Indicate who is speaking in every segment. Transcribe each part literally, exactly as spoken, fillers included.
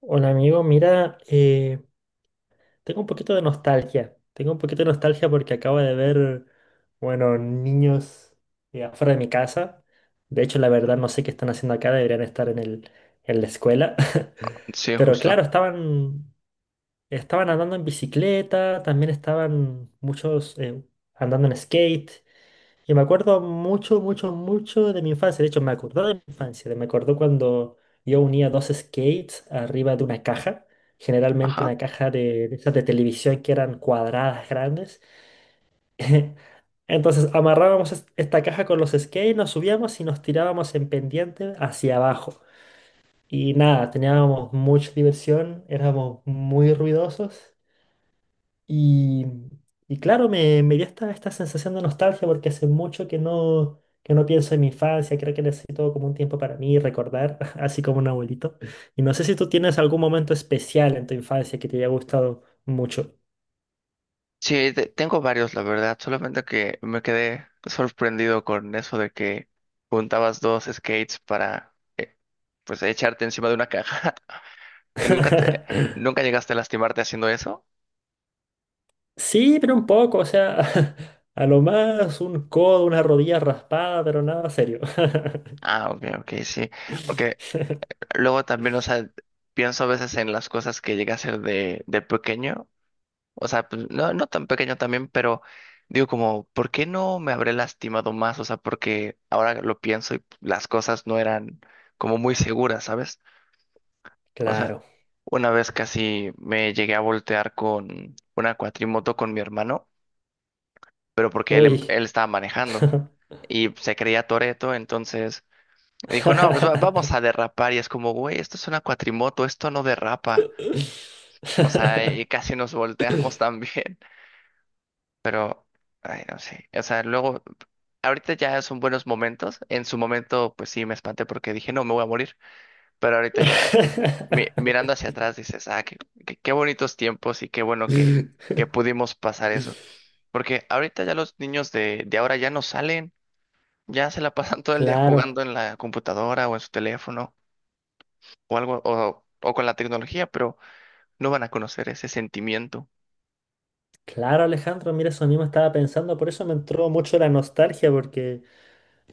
Speaker 1: Hola amigo, mira, eh, tengo un poquito de nostalgia. Tengo un poquito de nostalgia porque acabo de ver, bueno, niños eh, afuera de mi casa. De hecho, la verdad no sé qué están haciendo acá, deberían estar en el, en la escuela.
Speaker 2: Sí,
Speaker 1: Pero claro,
Speaker 2: justo.
Speaker 1: estaban, estaban andando en bicicleta, también estaban muchos eh, andando en skate. Y me acuerdo mucho, mucho, mucho de mi infancia. De hecho, me acordó de mi infancia. de- Me acordó cuando yo unía dos skates arriba de una caja. Generalmente
Speaker 2: Ajá.
Speaker 1: una caja de, de esas de televisión que eran cuadradas grandes. Entonces amarrábamos es- esta caja con los skates, nos subíamos y nos tirábamos en pendiente hacia abajo. Y nada, teníamos mucha diversión, éramos muy ruidosos. Y, y claro, me, me dio esta, esta sensación de nostalgia porque hace mucho que no, que no pienso en mi infancia, creo que necesito como un tiempo para mí, recordar, así como un abuelito. Y no sé si tú tienes algún momento especial en tu infancia que te haya gustado mucho.
Speaker 2: Sí, te- tengo varios, la verdad. Solamente que me quedé sorprendido con eso de que juntabas dos skates para, eh, pues, echarte encima de una caja. ¿Y nunca te, nunca llegaste a lastimarte haciendo eso?
Speaker 1: Sí, pero un poco, o sea, a lo más un codo, una rodilla raspada, pero nada serio.
Speaker 2: Ah, ok, ok, sí. Porque luego también, o sea, pienso a veces en las cosas que llegué a hacer de, de pequeño. O sea, pues no, no tan pequeño también, pero digo como, ¿por qué no me habré lastimado más? O sea, porque ahora lo pienso y las cosas no eran como muy seguras, ¿sabes? O sea,
Speaker 1: Claro.
Speaker 2: una vez casi me llegué a voltear con una cuatrimoto con mi hermano, pero porque él, em-
Speaker 1: Uy.
Speaker 2: él estaba manejando y se creía Toreto, entonces dijo, no, pues va- vamos a derrapar y es como, güey, esto es una cuatrimoto, esto no derrapa. O sea, y casi nos volteamos también. Pero, ay, no sé. O sea, luego, ahorita ya son buenos momentos. En su momento, pues sí, me espanté porque dije, no, me voy a morir. Pero ahorita ya, mi- mirando hacia atrás, dices, ah, qué, qué, qué bonitos tiempos y qué bueno que, que pudimos pasar eso. Porque ahorita ya los niños de, de ahora ya no salen, ya se la pasan todo el día jugando
Speaker 1: Claro,
Speaker 2: en la computadora o en su teléfono o algo, o, o con la tecnología, pero no van a conocer ese sentimiento.
Speaker 1: claro Alejandro, mira, eso mismo estaba pensando, por eso me entró mucho la nostalgia, porque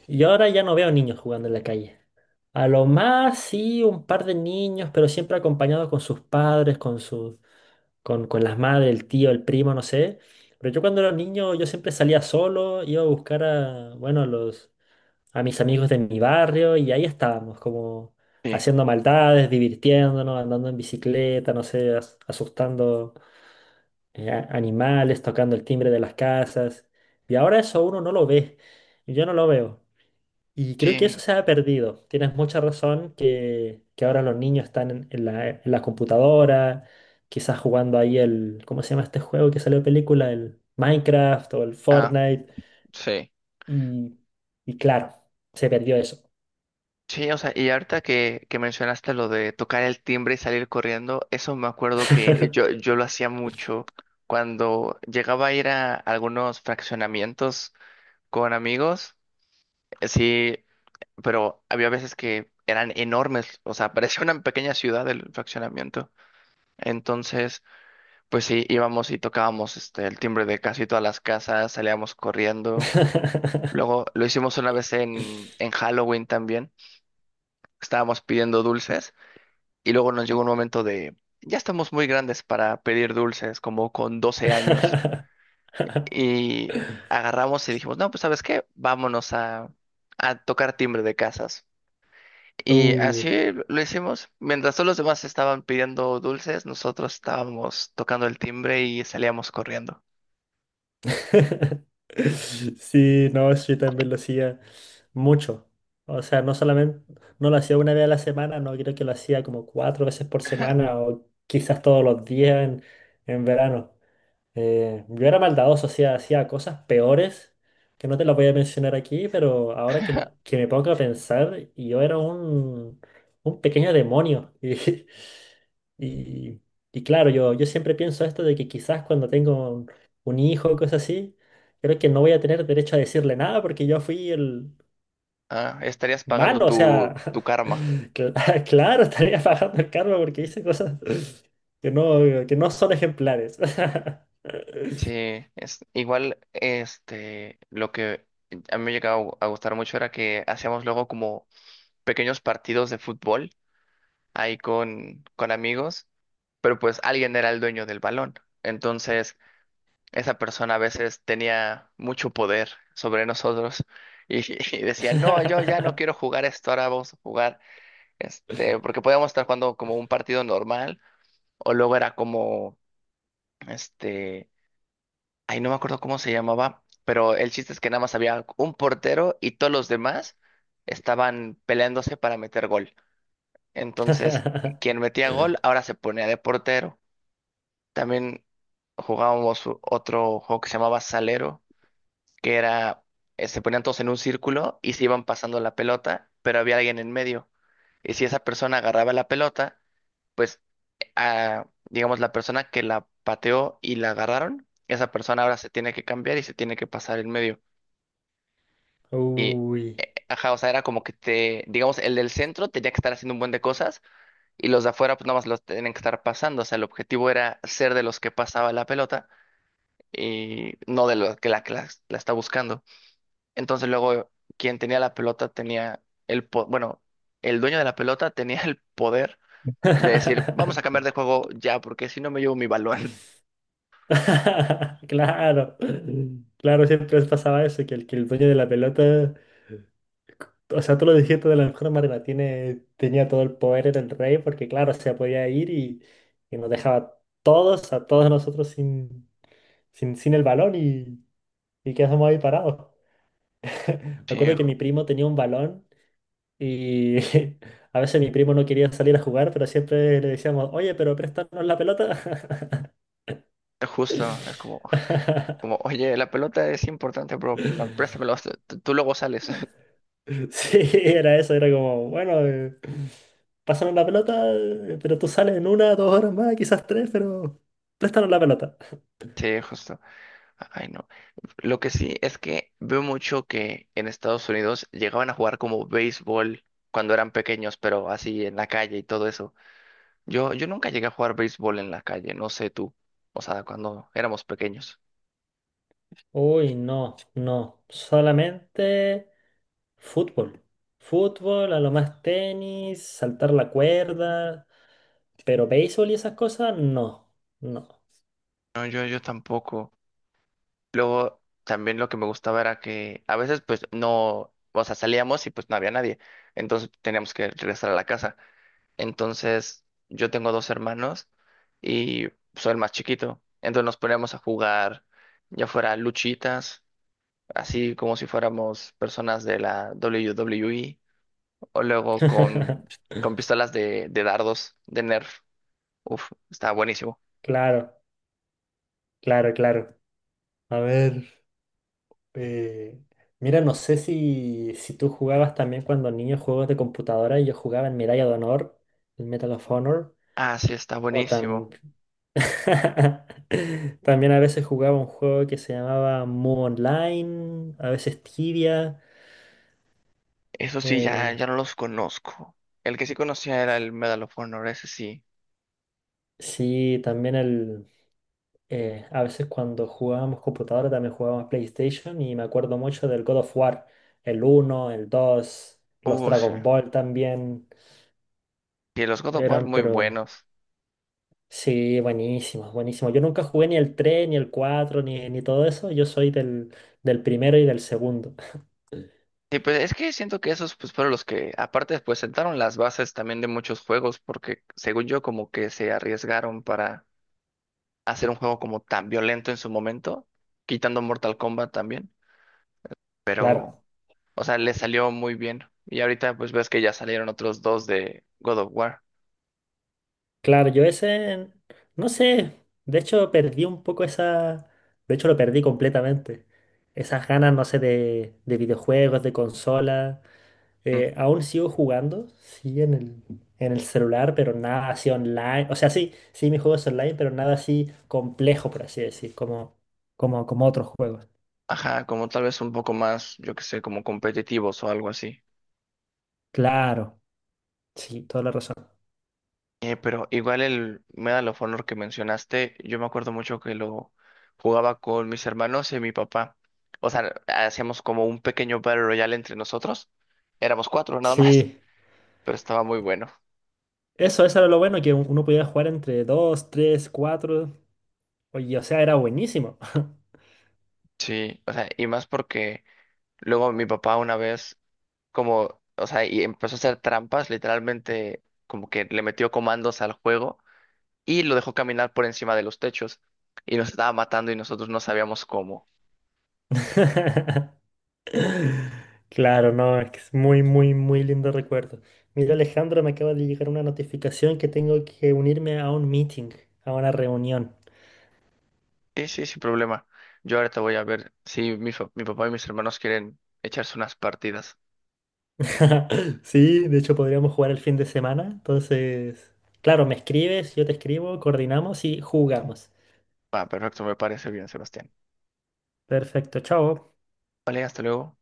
Speaker 1: yo ahora ya no veo niños jugando en la calle. A lo más sí un par de niños, pero siempre acompañados con sus padres, con sus, con, con las madres, el tío, el primo, no sé. Pero yo cuando era niño yo siempre salía solo, iba a buscar a, bueno, a los, a mis amigos de mi barrio y ahí estábamos, como
Speaker 2: Sí.
Speaker 1: haciendo maldades, divirtiéndonos, andando en bicicleta, no sé, as- asustando. eh, a- animales tocando el timbre de las casas. Y ahora eso uno no lo ve. Yo no lo veo. Y creo que eso
Speaker 2: Sí.
Speaker 1: se ha perdido. Tienes mucha razón que, que ahora los niños están en, en la, en la computadora, quizás jugando ahí el, ¿cómo se llama este juego que salió de película? ¿El Minecraft o el
Speaker 2: Ah,
Speaker 1: Fortnite?
Speaker 2: sí.
Speaker 1: Y, y claro, se perdió eso.
Speaker 2: Sí, o sea, y ahorita que, que mencionaste lo de tocar el timbre y salir corriendo, eso me acuerdo que yo, yo lo hacía mucho cuando llegaba a ir a algunos fraccionamientos con amigos, eh, sí, pero había veces que eran enormes, o sea, parecía una pequeña ciudad el fraccionamiento. Entonces, pues sí, íbamos y tocábamos este, el timbre de casi todas las casas, salíamos corriendo. Luego lo hicimos una vez en, en Halloween también, estábamos pidiendo dulces. Y luego nos llegó un momento de, ya estamos muy grandes para pedir dulces, como con doce años. Y agarramos y dijimos, no, pues ¿sabes qué? Vámonos a, a tocar timbre de casas. Y
Speaker 1: Uh.
Speaker 2: así lo hicimos. Mientras todos los demás estaban pidiendo dulces, nosotros estábamos tocando el timbre y salíamos corriendo.
Speaker 1: Sí, no, eso yo también lo hacía mucho. O sea, no solamente, no lo hacía una vez a la semana, no, creo que lo hacía como cuatro veces por semana o quizás todos los días en, en verano. Eh, yo era maldadoso, hacía, hacía cosas peores que no te las voy a mencionar aquí, pero ahora que, que me pongo a pensar, yo era un, un pequeño demonio. Y, y, y claro, yo, yo siempre pienso esto de que quizás cuando tengo un, un hijo o cosas así, creo que no voy a tener derecho a decirle nada porque yo fui el
Speaker 2: Ah, estarías pagando
Speaker 1: malo, o sea,
Speaker 2: tu, tu karma.
Speaker 1: cla- claro, estaría pagando el karma porque hice cosas que no, que no son ejemplares.
Speaker 2: Sí, es igual, este, lo que a mí me llegaba a gu- a gustar mucho era que hacíamos luego como pequeños partidos de fútbol ahí con, con amigos, pero pues alguien era el dueño del balón. Entonces, esa persona a veces tenía mucho poder sobre nosotros y, y decía, no, yo ya no quiero jugar esto, ahora vamos a jugar, este, porque podíamos estar jugando como un partido normal o luego era como, este, ay no me acuerdo cómo se llamaba, pero el chiste es que nada más había un portero y todos los demás estaban peleándose para meter gol. Entonces, quien metía gol ahora se ponía de portero. También jugábamos u- otro juego que se llamaba Salero, que era, eh, se ponían todos en un círculo y se iban pasando la pelota, pero había alguien en medio. Y si esa persona agarraba la pelota, pues, ah, digamos, la persona que la pateó y la agarraron, esa persona ahora se tiene que cambiar y se tiene que pasar en medio. Y,
Speaker 1: Uy.
Speaker 2: eh, ajá, o sea, era como que te, digamos, el del centro tenía que estar haciendo un buen de cosas y los de afuera pues nada más los tienen que estar pasando. O sea, el objetivo era ser de los que pasaba la pelota y no de los que la, que la, la está buscando. Entonces luego quien tenía la pelota tenía el, po- bueno, el dueño de la pelota tenía el poder de decir, vamos a cambiar de juego ya, porque si no me llevo mi balón.
Speaker 1: Claro, claro, siempre les pasaba eso, que el, que el dueño de la pelota, o sea, tú lo dijiste de la mejor manera, tiene, tenía todo el poder, era el rey, porque claro, se podía ir y, y nos dejaba todos, a todos nosotros sin, sin, sin el balón y, y quedamos ahí parados. Me
Speaker 2: Sí,
Speaker 1: acuerdo que mi
Speaker 2: ju-
Speaker 1: primo tenía un balón y a veces mi primo no quería salir a jugar, pero siempre le decíamos, oye, pero préstanos la pelota.
Speaker 2: justo, es como, como, oye, la pelota es importante, bro, no, préstamelo, tú tú luego sales.
Speaker 1: Sí, era eso, era como, bueno, eh, pásanos la pelota, eh, pero tú sales en una, dos horas más, quizás tres, pero préstanos la pelota.
Speaker 2: Sí, justo. Ay, no. Lo que sí es que veo mucho que en Estados Unidos llegaban a jugar como béisbol cuando eran pequeños, pero así en la calle y todo eso. Yo, yo nunca llegué a jugar béisbol en la calle, no sé tú. O sea, cuando éramos pequeños.
Speaker 1: Uy, no, no, solamente fútbol. Fútbol, a lo más tenis, saltar la cuerda, pero béisbol y esas cosas, no, no.
Speaker 2: No, yo, yo tampoco. Luego, también lo que me gustaba era que a veces pues no, o sea, salíamos y pues no había nadie. Entonces teníamos que regresar a la casa. Entonces, yo tengo dos hermanos y soy el más chiquito. Entonces nos poníamos a jugar, ya fuera luchitas, así como si fuéramos personas de la W W E, o luego con, con pistolas de, de dardos, de Nerf. Uf, está buenísimo.
Speaker 1: Claro, claro, claro. A ver. Eh, mira, no sé si, si tú jugabas también cuando niño juegos de computadora. Yo jugaba en Medalla de Honor, el Medal of Honor,
Speaker 2: Ah, sí, está
Speaker 1: o tam-
Speaker 2: buenísimo.
Speaker 1: también a veces jugaba un juego que se llamaba Mu Online, a veces Tibia.
Speaker 2: Eso sí, ya,
Speaker 1: el-
Speaker 2: ya no los conozco. El que sí conocía era el Medal of Honor, ese sí.
Speaker 1: Sí, también el... eh, a veces cuando jugábamos computadora también jugábamos PlayStation y me acuerdo mucho del God of War, el uno el dos los
Speaker 2: Uh, sí.
Speaker 1: Dragon Ball también
Speaker 2: Y los God of War
Speaker 1: eran,
Speaker 2: muy
Speaker 1: pero...
Speaker 2: buenos.
Speaker 1: Sí, buenísimo, buenísimo. Yo nunca jugué ni el tres ni el cuatro ni, ni todo eso. Yo soy del, del primero y del segundo.
Speaker 2: Sí, pues es que siento que esos pues fueron los que aparte pues sentaron las bases también de muchos juegos porque según yo como que se arriesgaron para hacer un juego como tan violento en su momento, quitando Mortal Kombat también,
Speaker 1: Claro,
Speaker 2: pero o sea, le salió muy bien. Y ahorita pues ves que ya salieron otros dos de God of War.
Speaker 1: claro, yo ese, no sé, de hecho perdí un poco esa, de hecho lo perdí completamente. Esas ganas, no sé, de, de videojuegos, de consola.
Speaker 2: Mm.
Speaker 1: Eh, aún sigo jugando, sí, en el, en el celular, pero nada así online. O sea, sí, sí, mis juegos online, pero nada así complejo, por así decir, como, como, como otros juegos.
Speaker 2: Ajá, como tal vez un poco más, yo que sé, como competitivos o algo así.
Speaker 1: Claro. Sí, toda la razón.
Speaker 2: Eh, pero igual el Medal of Honor que mencionaste, yo me acuerdo mucho que lo jugaba con mis hermanos y mi papá. O sea, hacíamos como un pequeño Battle Royale entre nosotros. Éramos cuatro nada más,
Speaker 1: Sí,
Speaker 2: pero estaba muy bueno.
Speaker 1: eso, eso era lo bueno, que uno podía jugar entre dos, tres, cuatro. Oye, o sea, era buenísimo.
Speaker 2: Sí, o sea, y más porque luego mi papá una vez, como, o sea, y empezó a hacer trampas, literalmente, como que le metió comandos al juego y lo dejó caminar por encima de los techos y nos estaba matando y nosotros no sabíamos cómo.
Speaker 1: Claro, no, es que es muy, muy, muy lindo recuerdo. Mira, Alejandro, me acaba de llegar una notificación que tengo que unirme a un meeting, a una reunión.
Speaker 2: Sí, sí, sin problema. Yo ahorita voy a ver si mi, fa- mi papá y mis hermanos quieren echarse unas partidas.
Speaker 1: Sí, de hecho podríamos jugar el fin de semana. Entonces, claro, me escribes, yo te escribo, coordinamos y jugamos.
Speaker 2: Ah, perfecto, me parece bien, Sebastián.
Speaker 1: Perfecto, chao.
Speaker 2: Vale, hasta luego.